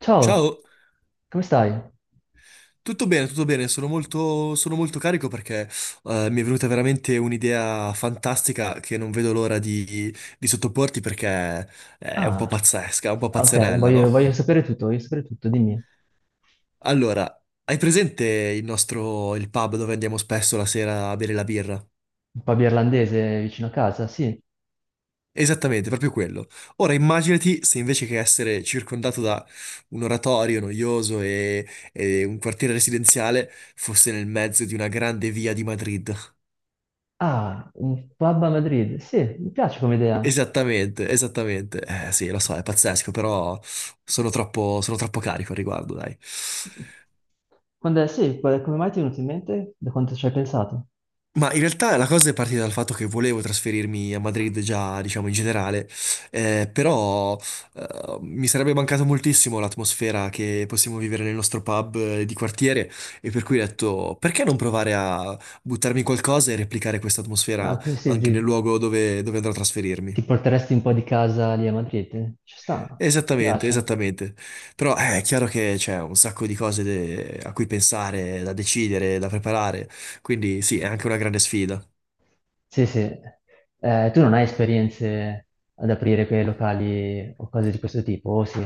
Ciao, Ciao, come stai? Tutto bene, sono molto carico perché mi è venuta veramente un'idea fantastica che non vedo l'ora di sottoporti perché è un po' Ah, pazzesca, un po' ok, pazzerella, no? voglio sapere tutto, voglio sapere tutto, dimmi. Allora, hai presente il pub dove andiamo spesso la sera a bere la birra? Un pub irlandese vicino a casa, sì. Esattamente, proprio quello. Ora immaginati se invece che essere circondato da un oratorio noioso e un quartiere residenziale fosse nel mezzo di una grande via di Madrid. Ah, un pub a Madrid, sì, mi piace come idea. Esattamente, esattamente. Sì, lo so, è pazzesco, però sono troppo carico al riguardo, dai. Quando è, sì, qual- Come mai ti è venuto in mente? Da quanto ci hai pensato? Ma in realtà la cosa è partita dal fatto che volevo trasferirmi a Madrid già, diciamo, in generale, però mi sarebbe mancato moltissimo l'atmosfera che possiamo vivere nel nostro pub di quartiere e per cui ho detto, perché non provare a buttarmi in qualcosa e replicare questa Ah, atmosfera così sì, anche nel luogo dove andrò a trasferirmi? ti porteresti un po' di casa lì a Madrid? Ci sta, mi Esattamente, piace. esattamente. Però è chiaro che c'è un sacco di cose a cui pensare, da decidere, da preparare, quindi sì, è anche una grande sfida. Sì, sì. Tu non hai esperienze ad aprire quei locali o cose di questo tipo, o sì?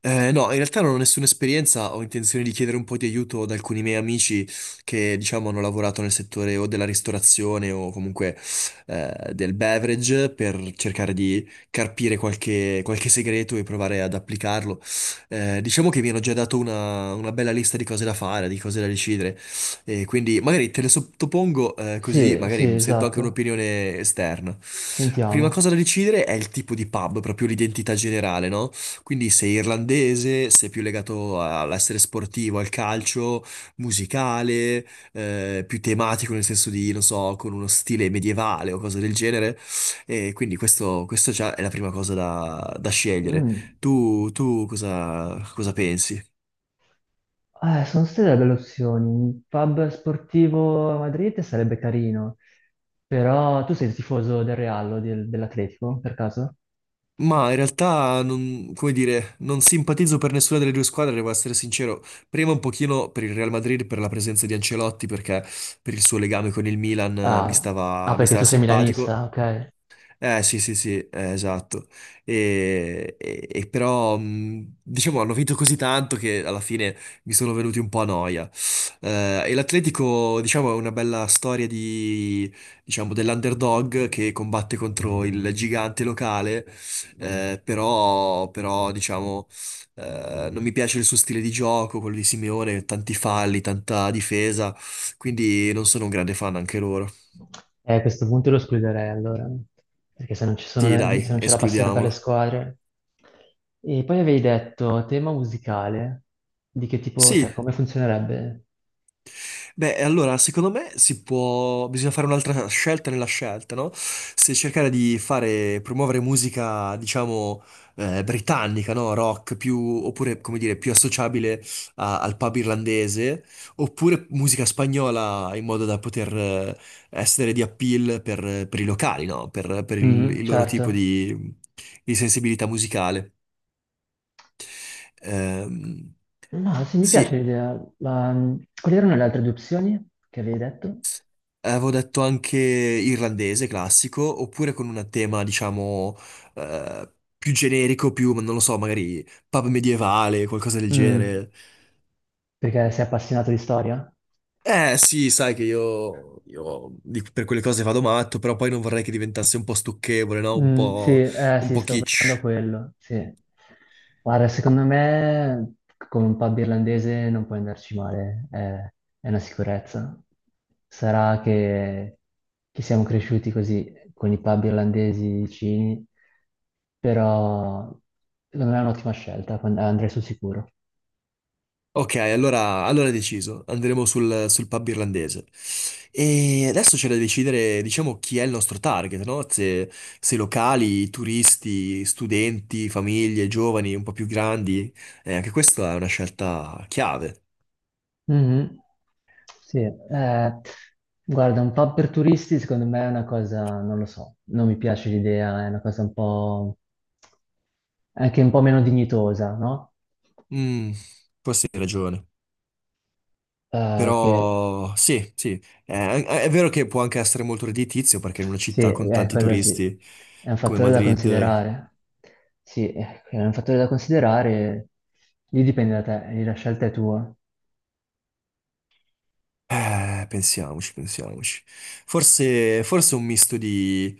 No, in realtà non ho nessuna esperienza, ho intenzione di chiedere un po' di aiuto ad alcuni miei amici che, diciamo, hanno lavorato nel settore o della ristorazione o comunque del beverage per cercare di carpire qualche segreto e provare ad applicarlo. Diciamo che mi hanno già dato una bella lista di cose da fare, di cose da decidere, e quindi magari te le sottopongo così Sì, sì, magari sento anche esatto. un'opinione esterna. La prima Sentiamo. cosa da decidere è il tipo di pub, proprio l'identità generale, no? Quindi sei irlandese, sei più legato all'essere sportivo, al calcio, musicale, più tematico nel senso di, non so, con uno stile medievale o cose del genere. E quindi questo già è la prima cosa da scegliere. Mm. Tu cosa pensi? Sono state delle opzioni. Un pub sportivo a Madrid sarebbe carino, però tu sei il tifoso del Real o dell'Atletico, per caso? Ma in realtà, non, come dire, non simpatizzo per nessuna delle due squadre, devo essere sincero. Prima un pochino per il Real Madrid, per la presenza di Ancelotti, perché per il suo legame con il Milan Ah, ah, mi perché stava tu sei simpatico. milanista, ok. Eh sì sì sì, esatto. E però diciamo hanno vinto così tanto che alla fine mi sono venuti un po' a noia. E l'Atletico diciamo è una bella storia di, diciamo, dell'underdog che combatte contro il gigante locale, però diciamo non mi piace il suo stile di gioco, quello di Simeone, tanti falli, tanta difesa, quindi non sono un grande fan anche loro. A questo punto lo escluderei allora, perché Sì se dai, non c'è la passione per le escludiamolo. squadre. E poi avevi detto tema musicale, di che tipo, cioè Sì. come funzionerebbe? Beh, e allora, secondo me si può, bisogna fare un'altra scelta nella scelta, no? Se cercare di fare, promuovere musica, diciamo, britannica, no? Rock, più, oppure, come dire, più associabile al pub irlandese, oppure musica spagnola in modo da poter essere di appeal per i locali, no? Per Mhm, il loro tipo certo. Di sensibilità musicale. Ehm, No, sì, mi piace sì. l'idea. La- Quali erano le altre due opzioni che avevi detto? Avevo detto anche irlandese classico, oppure con un tema, diciamo, eh, più generico, più, non lo so, magari pub medievale, qualcosa del Mm, genere. perché sei appassionato di storia? Eh sì, sai che io per quelle cose vado matto, però poi non vorrei che diventasse un po' stucchevole, no? Mm, sì, Un sì, po' sto pensando a kitsch. quello, sì. Guarda, secondo me con un pub irlandese non puoi andarci male, è una sicurezza. Sarà che siamo cresciuti così con i pub irlandesi vicini, però secondo me è un'ottima scelta, andrei sul sicuro. Ok, allora è deciso, andremo sul pub irlandese. E adesso c'è da decidere, diciamo, chi è il nostro target, no? Se locali, turisti, studenti, famiglie, giovani, un po' più grandi. Anche questa è una scelta chiave. Mhm. Sì, guarda, un po' per turisti secondo me è una cosa, non lo so, non mi piace l'idea, è una cosa un po' anche un po' meno dignitosa, no? Mm, forse hai ragione. Che Però sì, sì, eh, è vero che può anche essere molto redditizio perché in una sì, città con è tanti quello sì, turisti è un come fattore da Madrid. considerare. Sì, è un fattore da considerare, lì dipende da te, lì la scelta è tua. Pensiamoci, pensiamoci. Forse, forse un misto di…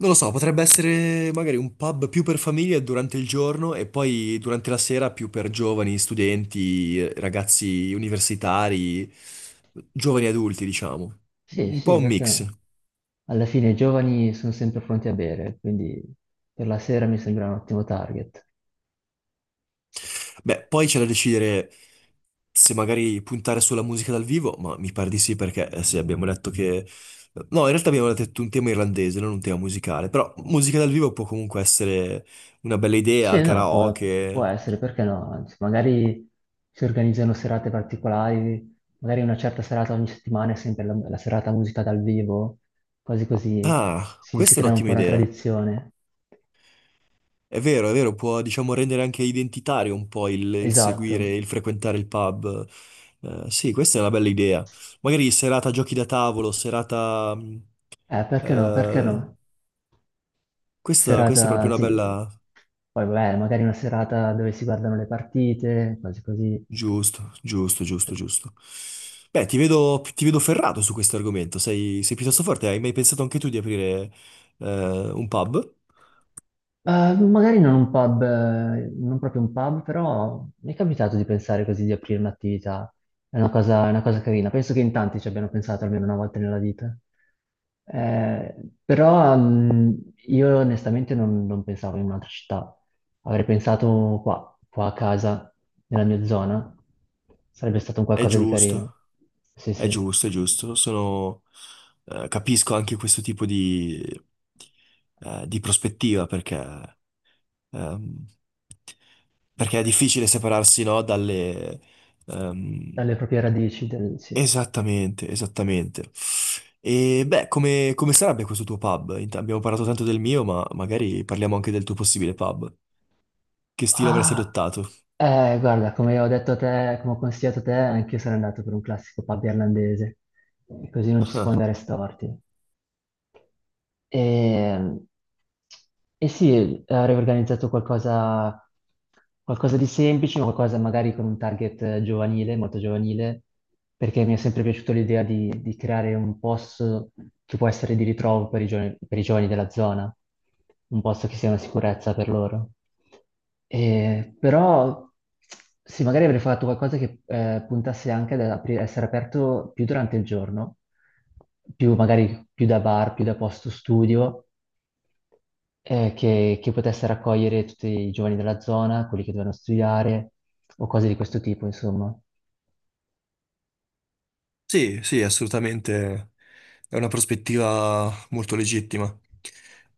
Non lo so, potrebbe essere magari un pub più per famiglie durante il giorno e poi durante la sera più per giovani, studenti, ragazzi universitari, giovani adulti, diciamo. Sì, Un po' sì, un perché mix. no? Alla fine i giovani sono sempre pronti a bere, quindi per la sera mi sembra un ottimo target. Beh, poi c'è da decidere se magari puntare sulla musica dal vivo, ma mi pare di sì perché sì, abbiamo detto che… No, in realtà abbiamo detto un tema irlandese, non un tema musicale, però musica dal vivo può comunque essere una bella idea, Sì, no, può karaoke. essere, perché no? Anzi, magari si organizzano serate particolari, magari una certa serata ogni settimana è sempre la serata musica dal vivo, cose così, Ah, si questa è crea un un'ottima po' una idea. tradizione. È vero, può diciamo rendere anche identitario un po' il seguire, Esatto. il frequentare il pub. Sì, questa è una bella idea. Magari serata giochi da tavolo, serata… Perché no? Perché eh, no? questa, questa è Serata, proprio una sì. bella… Poi, vabbè, magari una serata dove si guardano le partite, cose così. Giusto, giusto, giusto, giusto. Beh, ti vedo ferrato su questo argomento, sei piuttosto forte, hai mai pensato anche tu di aprire un pub? Magari non un pub, non proprio un pub, però mi è capitato di pensare così di aprire un'attività. È una cosa carina. Penso che in tanti ci abbiano pensato almeno una volta nella vita. Eh, però io onestamente non pensavo in un'altra città. Avrei pensato qua a casa, nella mia zona. Sarebbe stato un È qualcosa di carino. giusto, Sì, è sì. giusto, è giusto. Sono, capisco anche questo tipo di prospettiva perché, ehm, perché è difficile separarsi, no, dalle, ehm, Dalle proprie radici, sì. esattamente, esattamente. E beh, come sarebbe questo tuo pub? Abbiamo parlato tanto del mio, ma magari parliamo anche del tuo possibile pub. Che stile avresti Ah, adottato? Guarda, come ho detto a te, come ho consigliato a te, anche io sarei andato per un classico pub irlandese, così non ci si può andare storti. E, e sì, avrei organizzato qualcosa, qualcosa di semplice, ma qualcosa magari con un target giovanile, molto giovanile, perché mi è sempre piaciuta l'idea di creare un posto che può essere di ritrovo per i giovani della zona, un posto che sia una sicurezza per loro. Però sì, magari avrei fatto qualcosa che puntasse anche ad essere aperto più durante il giorno, più magari più da bar, più da posto studio, che potesse raccogliere tutti i giovani della zona, quelli che dovevano studiare o cose di questo tipo, insomma. Sì, sì, assolutamente. È una prospettiva molto legittima.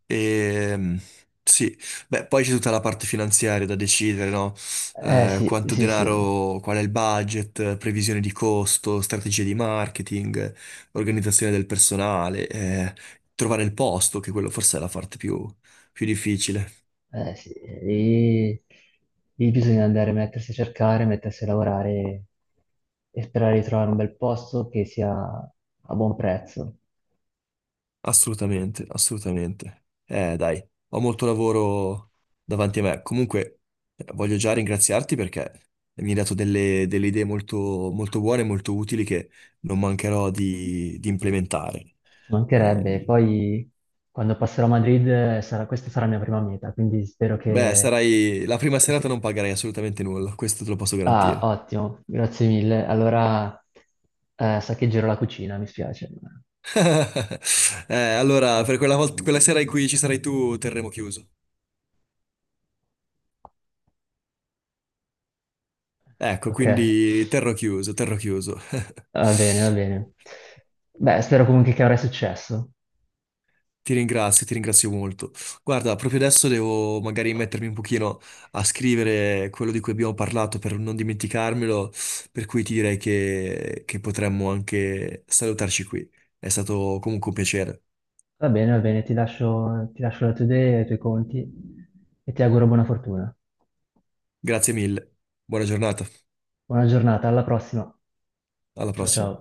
E, sì, beh, poi c'è tutta la parte finanziaria da decidere, no? Eh sì, Quanto sì, sì. denaro, qual è il budget, previsione di costo, strategie di marketing, organizzazione del personale, trovare il posto, che quello forse è la parte più, più difficile. Eh sì, lì, lì bisogna andare a mettersi a cercare, mettersi a lavorare e sperare di trovare un bel posto che sia a buon prezzo. Assolutamente, assolutamente. Dai, ho molto lavoro davanti a me. Comunque, voglio già ringraziarti perché mi hai dato delle idee molto, molto buone e molto utili che non mancherò di implementare. Ci mancherebbe. Ehm, Poi quando passerò a Madrid questa sarà la mia prima meta, quindi spero beh, che... sarai la prima serata non sì. pagherai assolutamente nulla, questo te lo posso Ah, garantire. ottimo, grazie mille. Allora saccheggerò la cucina, mi spiace. Allora, per quella volta, quella sera in cui ci sarai tu, terremo chiuso. Ecco, Ok, quindi terrò chiuso, terrò chiuso. va bene, va bene. Beh, spero comunque che avrai successo. Ti ringrazio molto. Guarda, proprio adesso devo magari mettermi un pochino a scrivere quello di cui abbiamo parlato per non dimenticarmelo, per cui ti direi che potremmo anche salutarci qui. È stato comunque un piacere. Va bene, ti lascio le tue idee, i tuoi conti e ti auguro buona fortuna. Grazie mille. Buona giornata. Buona giornata, alla prossima. Alla Ciao ciao. prossima.